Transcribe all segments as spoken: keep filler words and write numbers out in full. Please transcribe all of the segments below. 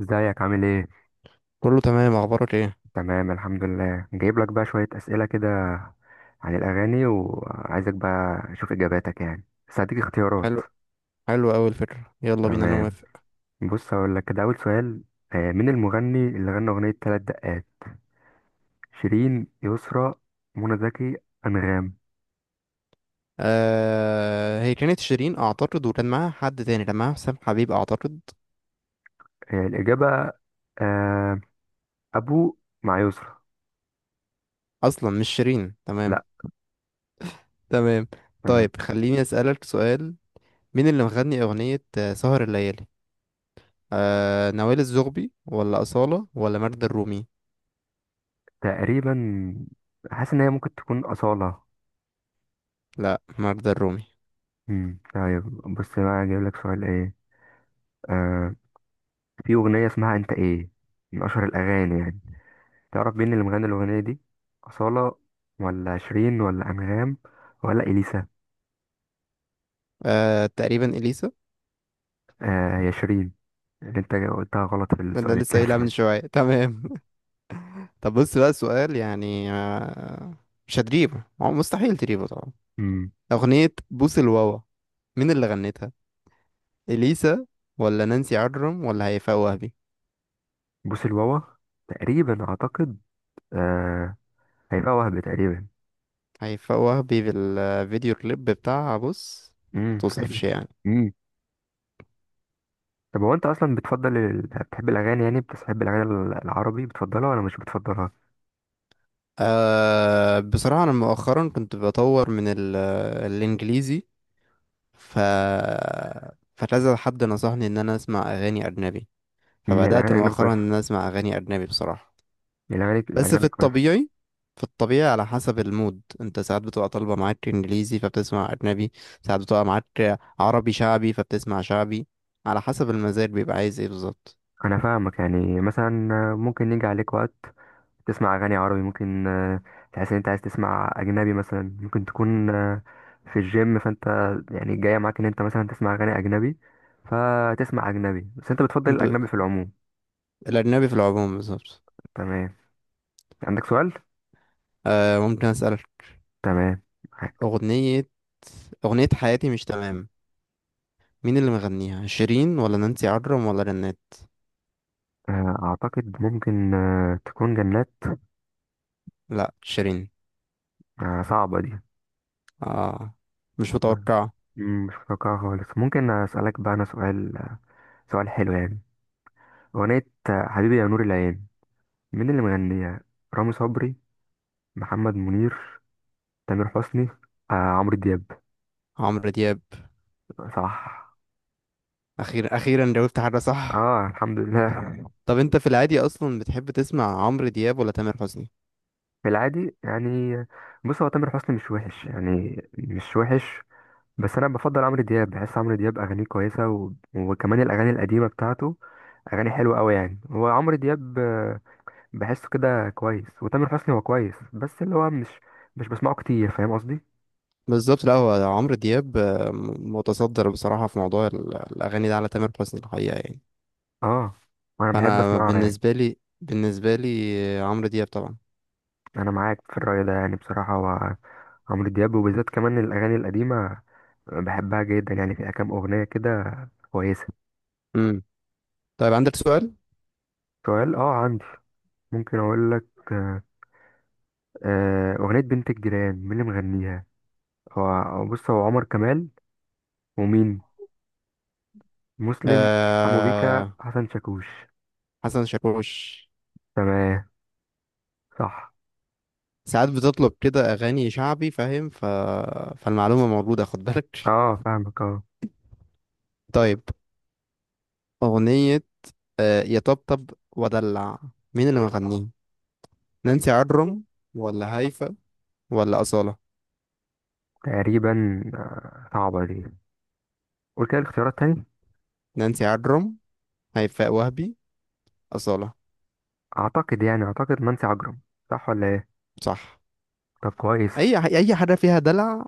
ازيك؟ عامل ايه؟ كله تمام، اخبارك ايه؟ تمام، الحمد لله. جايب لك بقى شوية أسئلة كده عن الأغاني، وعايزك بقى أشوف إجاباتك يعني، بس هديك اختيارات. حلو. حلو قوي الفكره يلا بينا، انا تمام، موافق. بص هقول لك كده أول سؤال. آه، مين المغني اللي غنى أغنية تلات دقات؟ شيرين، يسرا، منى زكي، أنغام؟ آه هي كانت شيرين اعتقد، وكان معاها حد تاني، كان معاها حسام حبيب اعتقد. آه، الإجابة آه، أبو مع يسرا. اصلا مش شيرين؟ تمام. لأ. تمام. تمام. طيب خليني اسالك سؤال. مين اللي مغني اغنيه آه، سهر الليالي؟ آه نوال الزغبي ولا اصاله ولا ماجدة الرومي؟ تقريبا حاسس إن هي ممكن تكون أصالة. لا ماجدة الرومي. مم، طيب. بص بقى أجيب لك سؤال ايه. آه، في أغنية اسمها أنت إيه، من أشهر الأغاني يعني. تعرف مين اللي مغني الأغنية دي؟ أصالة ولا شيرين ولا أنغام ولا إليسا؟ آه تقريبا اليسا. آه، هي شيرين. اللي أنت قلتها غلط في ده اللي السؤال لسه التاني. قايلها من شويه. تمام. طب بص بقى سؤال يعني آه مش هتجيبه، هو مستحيل تجيبه طبعا. أمم. أغنية بوس الواوا، مين اللي غنتها؟ إليسا ولا نانسي عجرم ولا هيفاء وهبي؟ بوس الواوا، تقريبا أعتقد. آه، هيبقى وهب تقريبا. هيفاء وهبي، بالفيديو كليب بتاعها بص، امم متوصفش تقريبا. يعني. امم، طب هو أنت أصلا بتفضل ال... بتحب الأغاني يعني بتحب الأغاني ال- العربي بتفضلها ولا مش بتفضلها؟ أه بصراحة أنا مؤخرا كنت بطور من ال- الإنجليزي، ف فكذا حد نصحني إن أنا أسمع أغاني أجنبي، أمم، فبدأت الأغاني الأجنبي مؤخرا إن كويسة. أنا أسمع أغاني أجنبي بصراحة. الأغاني بس في الأجنبي كويسة. الطبيعي، في الطبيعي على حسب المود، انت ساعات بتبقى طالبة معاك انجليزي فبتسمع اجنبي، ساعات بتبقى معاك عربي شعبي فبتسمع شعبي، على حسب المزاج بيبقى عايز ايه بالظبط. أنا فاهمك يعني، مثلا ممكن يجي عليك وقت تسمع اغاني عربي، ممكن آه، تحس ان انت عايز تسمع اجنبي. مثلا ممكن تكون آه، في الجيم، فانت يعني جايه معاك ان انت مثلا تسمع اغاني اجنبي فتسمع اجنبي. بس انت بتفضل ب... الاجنبي في العموم. الاجنبي في العموم بالظبط. تمام. عندك سؤال؟ آه ممكن اسألك؟ تمام، معاك. اغنية اغنية حياتي مش تمام، مين اللي مغنيها؟ شيرين ولا نانسي عجرم ولا رنات؟ آه، اعتقد ممكن آه، تكون جنات. لا شيرين. آه، صعبه دي. اه مش متوقع. مم، مش متوقعة خالص. ممكن اسالك بقى انا سؤال، سؤال حلو يعني. اغنيه آه، حبيبي يا نور العين. مين اللي مغنيها؟ رامي صبري، محمد منير، تامر حسني، آه عمرو دياب؟ عمرو دياب. صح. اخيرا اخيرا جاوبت حاجة صح. اه، الحمد لله. طب انت في العادي اصلا بتحب تسمع عمرو دياب ولا تامر حسني؟ في العادي يعني، بص هو تامر حسني مش وحش، يعني مش وحش. بس انا بفضل عمرو دياب، بحس عمرو دياب اغانيه كويسه، و... وكمان الاغاني القديمه بتاعته. اغاني حلوه قوي يعني. هو عمرو دياب آه، بحسه كده كويس. وتامر حسني هو كويس، بس اللي هو مش مش بسمعه كتير، فاهم قصدي؟ بالظبط. لا هو عمرو دياب آه، م- متصدر بصراحه في موضوع ال- الاغاني ده على تامر حسني الحقيقه يعني. اه، انا بحب فانا اسمعه يعني. بالنسبه لي بالنسبه لي آه، عمرو دياب طبعا. انا معاك في الرأي ده يعني، بصراحه هو عمرو دياب وبالذات كمان الاغاني القديمه، بحبها جدا يعني فيها كام أغنية كده كويسة. امم. طيب عندك سؤال؟ سؤال؟ اه، عندي. ممكن أقول لك آه، آه، أغنية بنت الجيران؟ مين اللي مغنيها؟ هو هو بص، هو عمر كمال ومين؟ مسلم، حمو بيكا، آه... حسن شاكوش؟ حسن شاكوش. تمام، صح. ساعات بتطلب كده اغاني شعبي فاهم، ف... فالمعلومه موجوده خد بالك. اه، فاهمك. اه. طيب، اغنيه آه، يطبطب ودلع، مين اللي مغنيها؟ نانسي عجرم ولا هيفا ولا أصالة؟ تقريبا آه، صعبة دي. قول كده الاختيارات تاني. نانسي عجرم، هيفاء وهبي، أصالة. أعتقد، يعني أعتقد منسي عجرم. صح ولا ايه؟ صح. طب كويس. أي أي حاجة فيها دلع،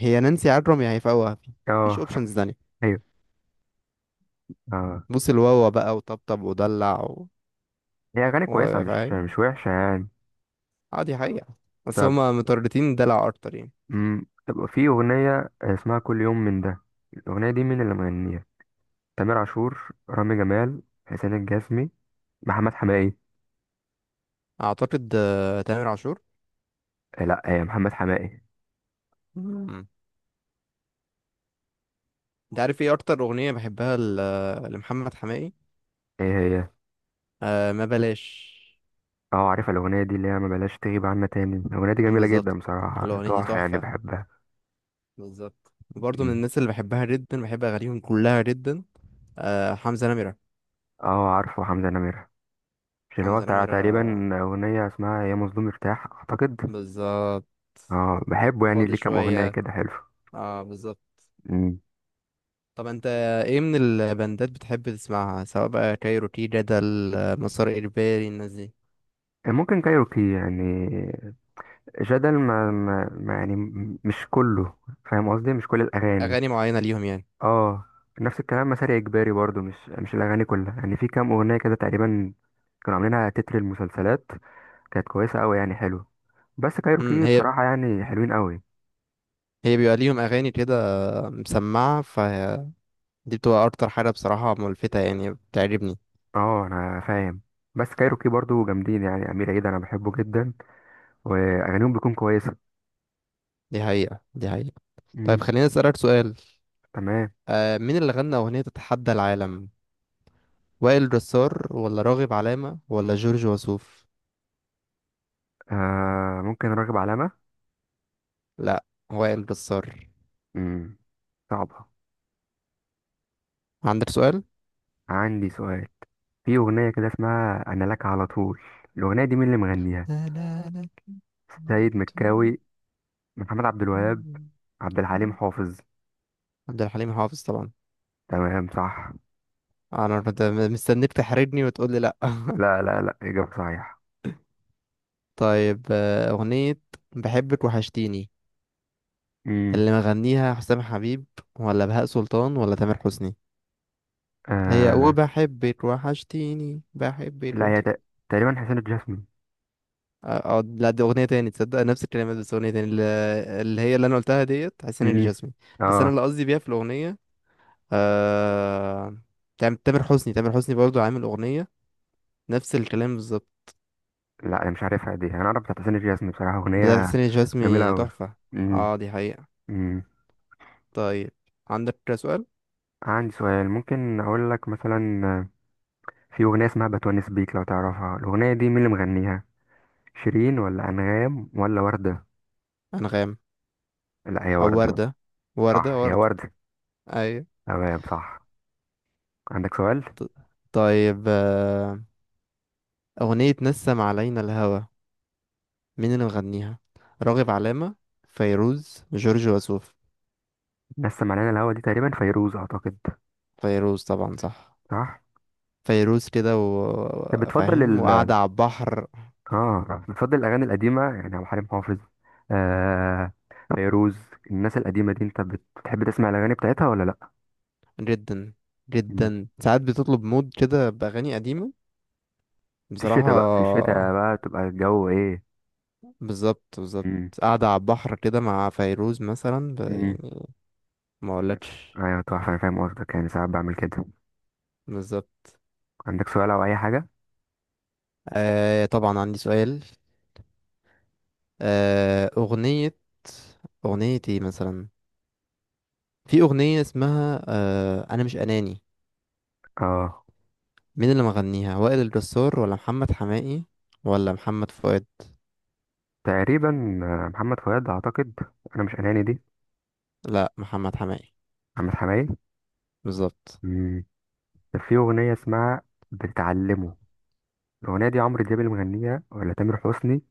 هي نانسي عجرم يا هيفاء وهبي، مفيش اه. أوبشنز تانية. ايوه. اه، بوس الواوا بقى وطبطب ودلع و... هي أغاني كويسة، مش وفاهم، مش وحشة يعني. عادي حقيقة، بس طب. هما مترددين دلع أكتر يعني. امم، طب في اغنيه آه، اسمها كل يوم من ده. الاغنيه دي مين اللي مغنيها؟ تامر عاشور، رامي جمال، حسين الجسمي، محمد حماقي؟ أعتقد آه، تامر عاشور. آه، لا. آه، محمد حماقي. مم. أنت عارف إيه أكتر أغنية بحبها ل- لمحمد حماقي؟ ايه هي؟ آه ما بلاش. اه، عارف الاغنيه دي اللي هي ما بلاش تغيب عنا تاني. الاغنيه دي جميله بالظبط. جدا، بصراحه الأغنية دي تحفه يعني، تحفة. بحبها. بالظبط، وبرضه من مم. الناس اللي بحبها جدا، بحب اغانيهم كلها جدا. آه حمزة نمرة. اه، عارفه حمزه نمير. مش اللي هو حمزة بتاع نمرة تقريبا اغنيه اسمها يا مظلوم ارتاح اعتقد؟ بالظبط. اه، بحبه يعني، فاضي ليه كام اغنيه شوية. كده حلو. اه بالظبط. مم. طب انت ايه من البندات بتحب تسمعها، سواء بقى كايروكي، جدل، آه، مسار اجباري، الناس دي؟ آه، ممكن كايروكي يعني. جدل ما, ما, ما يعني م- مش كله، فاهم قصدي؟ مش كل الاغاني. اغاني معينة ليهم يعني. اه، نفس الكلام. مسار اجباري برضو مش مش الاغاني كلها يعني، في كام اغنيه كده تقريبا كانوا عاملينها تتر المسلسلات، كانت كويسه قوي يعني حلو. بس امم. كايروكي هي بصراحه يعني حلوين قوي. هي بيبقى ليهم اغاني كده مسمعة فدي، بتبقى اكتر حاجة بصراحة ملفتة يعني بتعجبني. اه، انا فاهم. بس كايروكي برضو جامدين يعني، امير عيد انا بحبه جدا واغانيهم بتكون كويسه. دي حقيقة دي حقيقة طيب امم، خليني اسألك سؤال. تمام. آه مين اللي غنى اغنية تتحدى العالم؟ وائل جسار ولا راغب علامة ولا جورج وسوف؟ آه، ممكن راغب علامه. لا وائل جسار. امم صعبه. عندك سؤال؟ عندي سؤال. في أغنية كده اسمها أنا لك على طول، الأغنية دي مين اللي مغنيها؟ لا لا لا. سيد مكاوي، محمد عبد الوهاب، عبد الحليم حافظ؟ عبد الحليم حافظ طبعا. تمام، صح. انا كنت مستنيك تحرجني وتقول لي لا. لا، لا، لا، إجابة صحيحة. طيب آه، أغنية بحبك وحشتيني، امم، اللي مغنيها حسام حبيب ولا بهاء سلطان ولا تامر حسني؟ اللي هي آه وبحبك وحشتيني بحبك. لا، هي تق- تقريبا حسين الجسمي. اه لا دي اغنيه تاني، تصدق نفس الكلمات بس اغنيه تاني. اللي اللي هي اللي انا قلتها ديت حسين امم. الجسمي. بس انا اه، اللي قصدي بيها في الاغنيه آه... تام- تامر حسني، تامر حسني برضو عامل اغنيه نفس الكلام بالظبط. لا. انا مش عارفها دي. انا اعرف بتاعت حسين الجسمي، بصراحة بتاعت أغنية حسين جميلة الجسمي أوي. تحفه. امم. اه دي حقيقه. امم. طيب عندك سؤال؟ عندي سؤال. ممكن اقول لك مثلا آه، في أغنية اسمها بتونس بيك، لو تعرفها الأغنية دي مين اللي مغنيها؟ شيرين ولا أنغام ولا وردة؟ انغام. لا، هي او وردة. ورده، ورده صح، هي ورده وردة. ايوه. تمام، صح. عندك سؤال؟ طيب آه... اغنيه نسم علينا الهوى، مين اللي مغنيها؟ راغب علامه، فيروز، جورج وسوف؟ لسه معلنا الهوا دي تقريبا فيروز اعتقد. فيروز طبعا. صح. صح. فيروز كده طب بتفضل وفاهم ال وقاعدة على البحر. اه بتفضل الاغاني القديمة يعني، عبد الحليم حافظ، آه فيروز. الناس القديمة دي انت بت- بتحب تسمع الاغاني بتاعتها ولا لا؟ جدا، مم. جدا. ساعات بتطلب مود كده بأغاني قديمة في بصراحة. الشتاء بقى، في الشتاء بقى تبقى الجو ايه. بالظبط بالظبط امم. قاعدة على البحر كده مع فيروز مثلا ب... امم. يعني ما اقولكش. ايوه، تحفة. انا فاهم قصدك يعني، ساعات بعمل كده. بالظبط. عندك سؤال او اي حاجة؟ آه طبعا عندي سؤال. آه أغنية أغنية ايه مثلا؟ في أغنية اسمها آه أنا مش أناني، اه، مين اللي مغنيها؟ وائل الجسار ولا محمد حماقي ولا محمد فؤاد؟ تقريبا آه، محمد فؤاد اعتقد. انا مش اناني دي. لا محمد حماقي. محمد حماقي. بالظبط. مم. كان في أغنية اسمها بتعلمه. الأغنية دي عمرو دياب اللي مغنيها ولا تامر حسني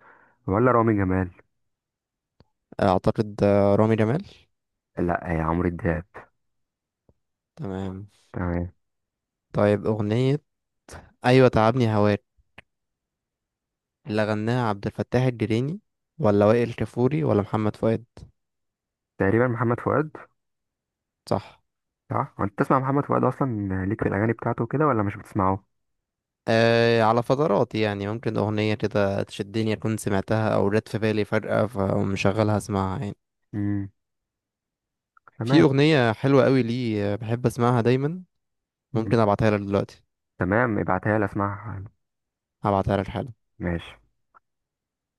ولا رامي جمال؟ اعتقد آه، رامي جمال. لا، هي عمرو دياب. تمام. تمام. طيب اغنية ايوه تعبني هواك، اللي غناها عبد الفتاح الجريني ولا وائل كفوري ولا محمد فؤاد؟ تقريبا محمد فؤاد. صح. صح، هو انت تسمع محمد فؤاد اصلا ليك في الاغاني بتاعته كده ولا مش بتسمعه؟ أه على فترات يعني، ممكن أغنية كده تشدني أكون سمعتها أو جت في بالي فجأة فمشغلها أسمعها يعني. امم، في تمام. أغنية حلوة قوي لي آه، بحب أسمعها دايما، مم. ممكن أبعتها لك دلوقتي. تمام، ابعتها لي اسمعها. هبعتها لك حالا. ماشي.